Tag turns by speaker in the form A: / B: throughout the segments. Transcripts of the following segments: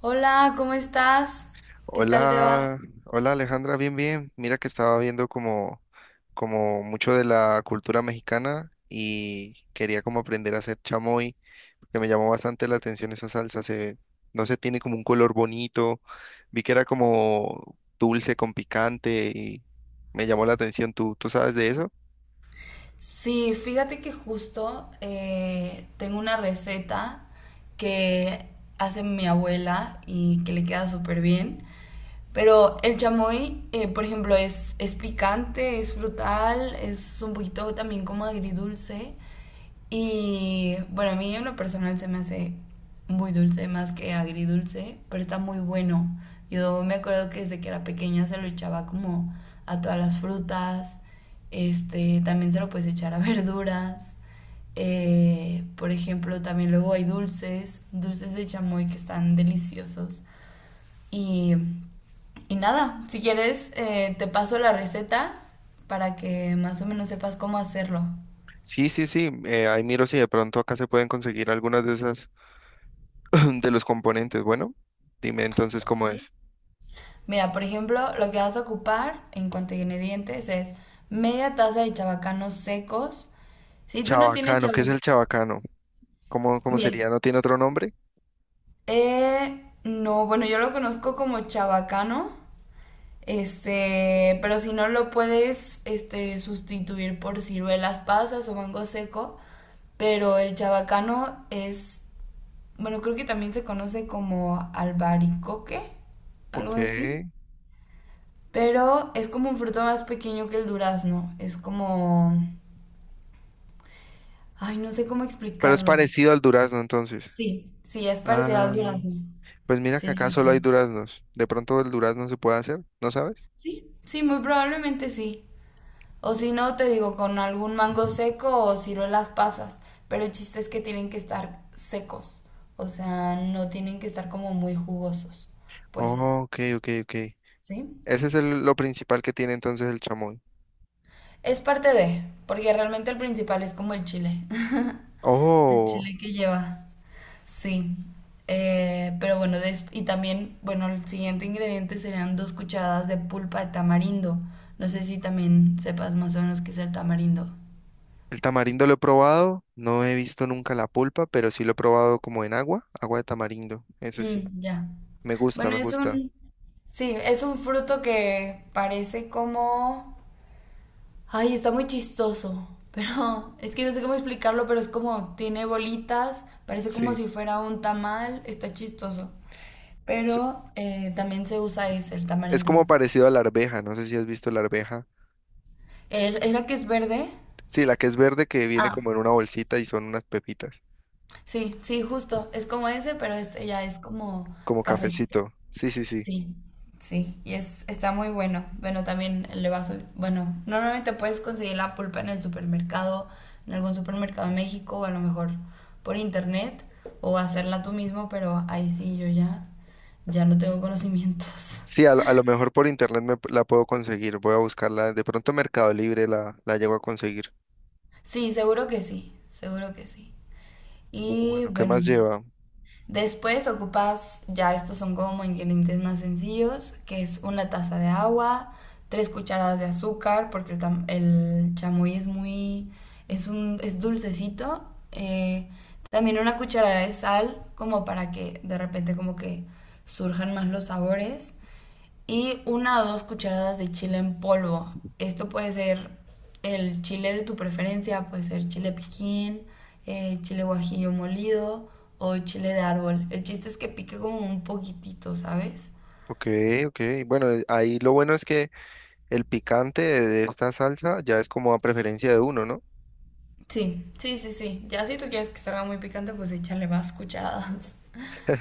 A: Hola, ¿cómo estás? ¿Qué tal te va?
B: Hola, hola Alejandra, bien, bien. Mira que estaba viendo como mucho de la cultura mexicana y quería como aprender a hacer chamoy, porque me llamó bastante la atención esa salsa. No sé, tiene como un color bonito. Vi que era como dulce con picante y me llamó la atención. ¿Tú sabes de eso?
A: Sí, fíjate que justo tengo una receta que hace mi abuela y que le queda súper bien. Pero el chamoy, por ejemplo, es picante, es frutal, es un poquito también como agridulce. Y bueno, a mí en lo personal se me hace muy dulce, más que agridulce, pero está muy bueno. Yo me acuerdo que desde que era pequeña se lo echaba como a todas las frutas. Este, también se lo puedes echar a verduras. Por ejemplo, también luego hay dulces, dulces de chamoy que están deliciosos. Y, y nada, si quieres, te paso la receta para que más o menos sepas cómo hacerlo.
B: Sí, sí, sí. Ahí miro si de pronto acá se pueden conseguir algunas de esas, de los componentes. Bueno, dime entonces cómo
A: Ok.
B: es.
A: Mira, por ejemplo, lo que vas a ocupar en cuanto a ingredientes es media taza de chabacanos secos. Si tú no tienes
B: Chabacano, ¿qué es
A: chabacano,
B: el chabacano? ¿Cómo
A: bien.
B: sería? ¿No tiene otro nombre?
A: No, bueno, yo lo conozco como chabacano, este, pero si no lo puedes, este, sustituir por ciruelas pasas o mango seco, pero el chabacano es bueno, creo que también se conoce como albaricoque, algo
B: Ok.
A: así.
B: Pero
A: Pero es como un fruto más pequeño que el durazno. Es como... Ay, no sé cómo
B: es
A: explicarlo.
B: parecido al durazno entonces.
A: Sí, sí, es parecido
B: Ah,
A: al durazno.
B: pues mira que
A: Sí,
B: acá
A: sí,
B: solo hay
A: sí.
B: duraznos. De pronto el durazno se puede hacer, ¿no sabes?
A: Sí, sí, muy probablemente sí. O si no, te digo, con algún mango seco o ciruelas pasas. Pero el chiste es que tienen que estar secos. O sea, no tienen que estar como muy jugosos. Pues,
B: Oh, ok, ok, ok.
A: ¿sí?
B: Lo principal que tiene entonces el chamoy.
A: Es parte de, porque realmente el principal es como el chile, el
B: Oh,
A: chile que lleva. Sí, pero bueno, y también, bueno, el siguiente ingrediente serían dos cucharadas de pulpa de tamarindo. No sé si también sepas más o menos qué es el tamarindo.
B: el tamarindo lo he probado. No he visto nunca la pulpa, pero sí lo he probado como en agua, agua de tamarindo. Ese sí.
A: Mm, ya.
B: Me gusta,
A: Bueno,
B: me gusta.
A: sí, es un fruto que parece como, ay, está muy chistoso, pero es que no sé cómo explicarlo, pero es como, tiene bolitas, parece como
B: Sí.
A: si fuera un tamal, está chistoso.
B: Es,
A: Pero también se usa ese, el
B: es
A: tamarindo.
B: como parecido a la arveja. No sé si has visto la arveja.
A: ¿Era que es verde?
B: Sí, la que es verde que viene
A: Ah,
B: como en una bolsita y son unas pepitas,
A: sí, sí, justo. Es como ese, pero este ya es como
B: como
A: cafecito.
B: cafecito. Sí, sí, sí.
A: Sí, sí. Y es, está muy bueno. Bueno, también le vas a... Bueno, normalmente puedes conseguir la pulpa en el supermercado, en algún supermercado en México, o a lo mejor por internet, o hacerla tú mismo, pero ahí sí yo ya, ya no tengo conocimientos.
B: Sí, a, lo a lo mejor por internet la puedo conseguir. Voy a buscarla. De pronto en Mercado Libre la llego a conseguir.
A: Sí, seguro que sí, seguro que sí. Y
B: Bueno, ¿qué
A: bueno.
B: más lleva?
A: Después ocupas, ya estos son como ingredientes más sencillos, que es una taza de agua, tres cucharadas de azúcar, porque el chamoy es muy, es dulcecito. eh, También una cucharada de sal, como para que de repente como que surjan más los sabores y una o dos cucharadas de chile en polvo. Esto puede ser el chile de tu preferencia, puede ser chile piquín, chile guajillo molido o chile de árbol. El chiste es que pique como un poquitito, ¿sabes?
B: Ok, ok. Bueno, ahí lo bueno es que el picante de esta salsa ya es como a preferencia de uno, ¿no?
A: Sí, sí, sí, sí. Ya si tú quieres que salga muy picante, pues échale más cucharadas.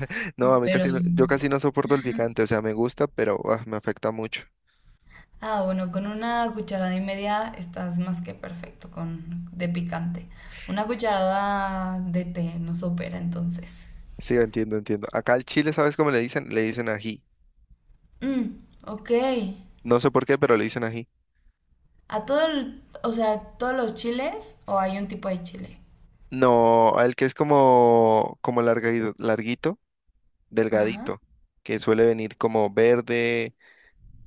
B: No, a mí
A: Pero,
B: casi, no- yo casi no soporto el picante. O sea, me gusta, pero ah, me afecta mucho.
A: ah, bueno, con una cucharada y media estás más que perfecto con de picante. Una cucharada de té nos opera entonces.
B: Sí, entiendo, entiendo. Acá al chile, ¿sabes cómo le dicen? Le dicen ají.
A: Mm, ok.
B: No sé por qué, pero le dicen ají.
A: A todo o sea, todos los chiles o hay un tipo de chile.
B: No, el que es como, como larguito,
A: Ajá.
B: delgadito, que suele venir como verde,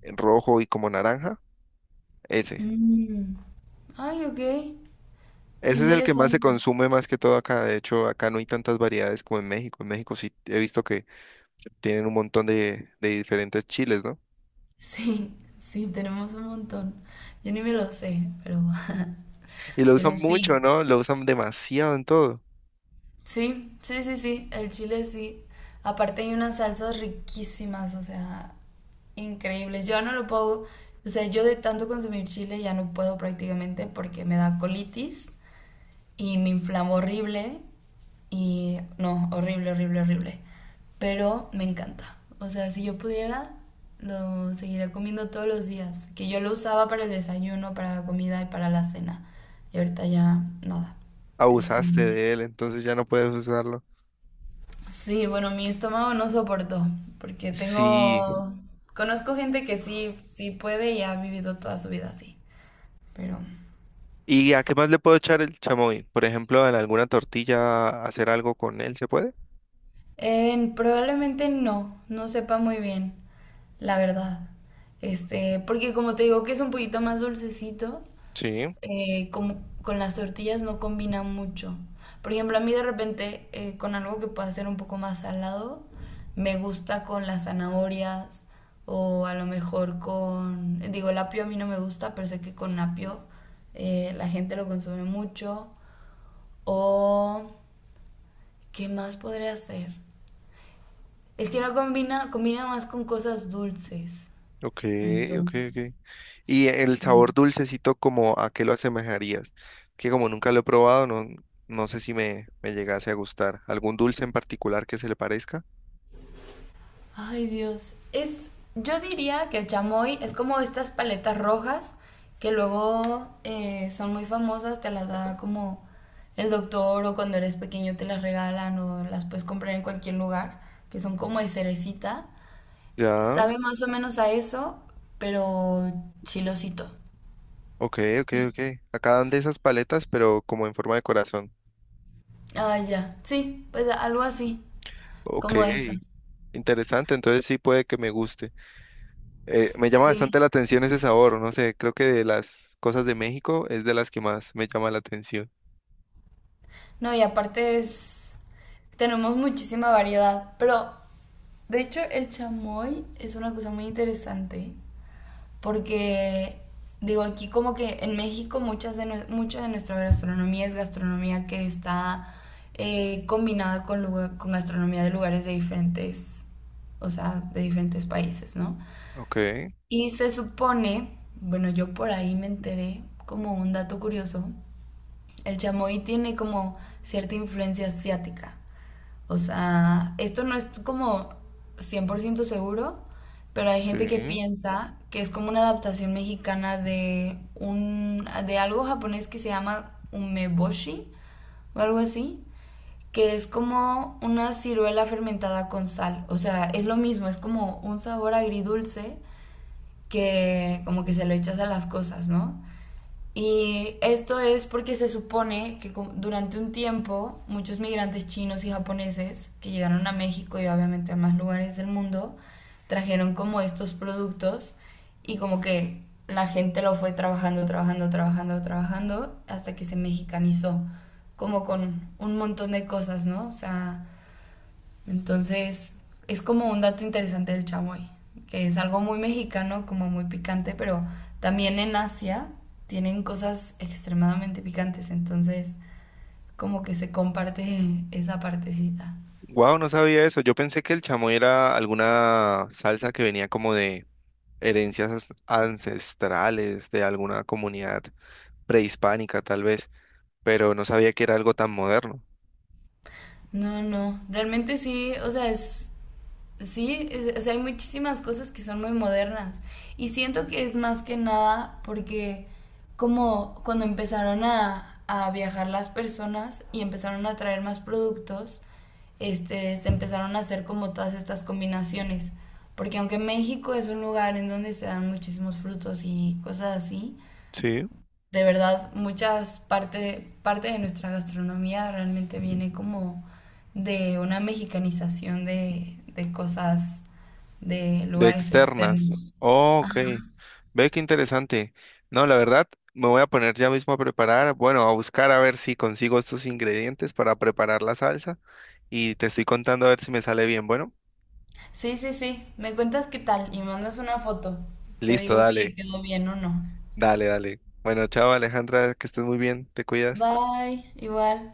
B: rojo y como naranja. Ese.
A: Mm. Ay, ok. Qué
B: Ese es el que más se
A: interesante.
B: consume más que todo acá. De hecho, acá no hay tantas variedades como en México. En México sí he visto que tienen un montón de diferentes chiles, ¿no?
A: Sí, sí, tenemos un montón. Yo ni me lo sé, pero,
B: Y lo usan
A: pero sí.
B: mucho, ¿no? Lo usan demasiado en todo.
A: Sí, sí, sí, sí. El chile sí. Aparte hay unas salsas riquísimas, o sea, increíbles. Yo no lo puedo, o sea, yo de tanto consumir chile ya no puedo prácticamente porque me da colitis. Y me inflamó horrible y no, horrible, horrible, horrible. Pero me encanta. O sea, si yo pudiera, lo seguiría comiendo todos los días. Que yo lo usaba para el desayuno, para la comida y para la cena. Y ahorita ya nada,
B: Abusaste
A: tristemente.
B: de él, entonces ya no puedes usarlo.
A: Sí, bueno, mi estómago no soportó, porque
B: Sí.
A: tengo... Conozco gente que sí, sí puede y ha vivido toda su vida así, pero...
B: ¿Y a qué más le puedo echar el chamoy? Por ejemplo, en alguna tortilla hacer algo con él, ¿se puede?
A: Probablemente no, no sepa muy bien, la verdad. Este, porque como te digo que es un poquito más dulcecito,
B: Sí,
A: como con las tortillas no combina mucho. Por ejemplo, a mí de repente con algo que pueda ser un poco más salado, me gusta con las zanahorias o a lo mejor con, digo, el apio a mí no me gusta, pero sé que con apio la gente lo consume mucho. O, ¿qué más podría hacer? Es que no combina, combina más con cosas dulces.
B: ok, ok,
A: Entonces,
B: ok. Y el sabor
A: sí.
B: dulcecito, ¿como a qué lo asemejarías? Que como nunca lo he probado, no sé si me llegase a gustar. ¿Algún dulce en particular que se le parezca?
A: Ay, Dios. Es, yo diría que el chamoy es como estas paletas rojas que luego son muy famosas, te las da como el doctor o cuando eres pequeño te las regalan o las puedes comprar en cualquier lugar, que son como de cerecita.
B: Ya,
A: Sabe más o menos a eso, pero chilosito.
B: ok, ok, ok. Acá dan de esas paletas, pero como en forma de corazón.
A: Ah, ya. Sí, pues algo así,
B: Ok.
A: como esa.
B: Interesante, entonces sí puede que me guste. Me llama bastante
A: Sí.
B: la atención ese sabor, no sé, creo que de las cosas de México es de las que más me llama la atención.
A: No, y aparte es... Tenemos muchísima variedad, pero de hecho el chamoy es una cosa muy interesante porque digo aquí como que en México muchas de, mucha de nuestra gastronomía es gastronomía que está combinada con, con gastronomía de lugares de diferentes, o sea, de diferentes países, ¿no?
B: Ok,
A: Y se supone, bueno, yo por ahí me enteré como un dato curioso, el chamoy tiene como cierta influencia asiática. O sea, esto no es como 100% seguro, pero hay gente que
B: sí.
A: piensa que es como una adaptación mexicana de un de algo japonés que se llama umeboshi o algo así, que es como una ciruela fermentada con sal. O sea, es lo mismo, es como un sabor agridulce que como que se lo echas a las cosas, ¿no? Y esto es porque se supone que durante un tiempo muchos migrantes chinos y japoneses que llegaron a México y obviamente a más lugares del mundo trajeron como estos productos y como que la gente lo fue trabajando, trabajando, trabajando, trabajando hasta que se mexicanizó, como con un montón de cosas, ¿no? O sea, entonces, es como un dato interesante del chamoy, que es algo muy mexicano, como muy picante, pero también en Asia tienen cosas extremadamente picantes, entonces como que se comparte esa partecita.
B: Wow, no sabía eso. Yo pensé que el chamoy era alguna salsa que venía como de herencias ancestrales de alguna comunidad prehispánica, tal vez, pero no sabía que era algo tan moderno.
A: No, no, realmente sí, o sea, es sí, o sea, hay muchísimas cosas que son muy modernas. Y siento que es más que nada porque como cuando empezaron a viajar las personas y empezaron a traer más productos, este, se empezaron a hacer como todas estas combinaciones. Porque aunque México es un lugar en donde se dan muchísimos frutos y cosas así,
B: Sí.
A: de verdad muchas parte de nuestra gastronomía realmente viene como de una mexicanización de cosas de
B: De
A: lugares
B: externas.
A: externos.
B: Oh,
A: Ah,
B: ok. Ve qué interesante. No, la verdad, me voy a poner ya mismo a preparar, bueno, a buscar a ver si consigo estos ingredientes para preparar la salsa y te estoy contando a ver si me sale bien. Bueno,
A: sí, sí, sí, me cuentas qué tal y mandas una foto. Te
B: listo,
A: digo si
B: dale,
A: quedó bien o no.
B: dale, dale. Bueno, chao Alejandra, que estés muy bien, te cuidas.
A: Bye, igual.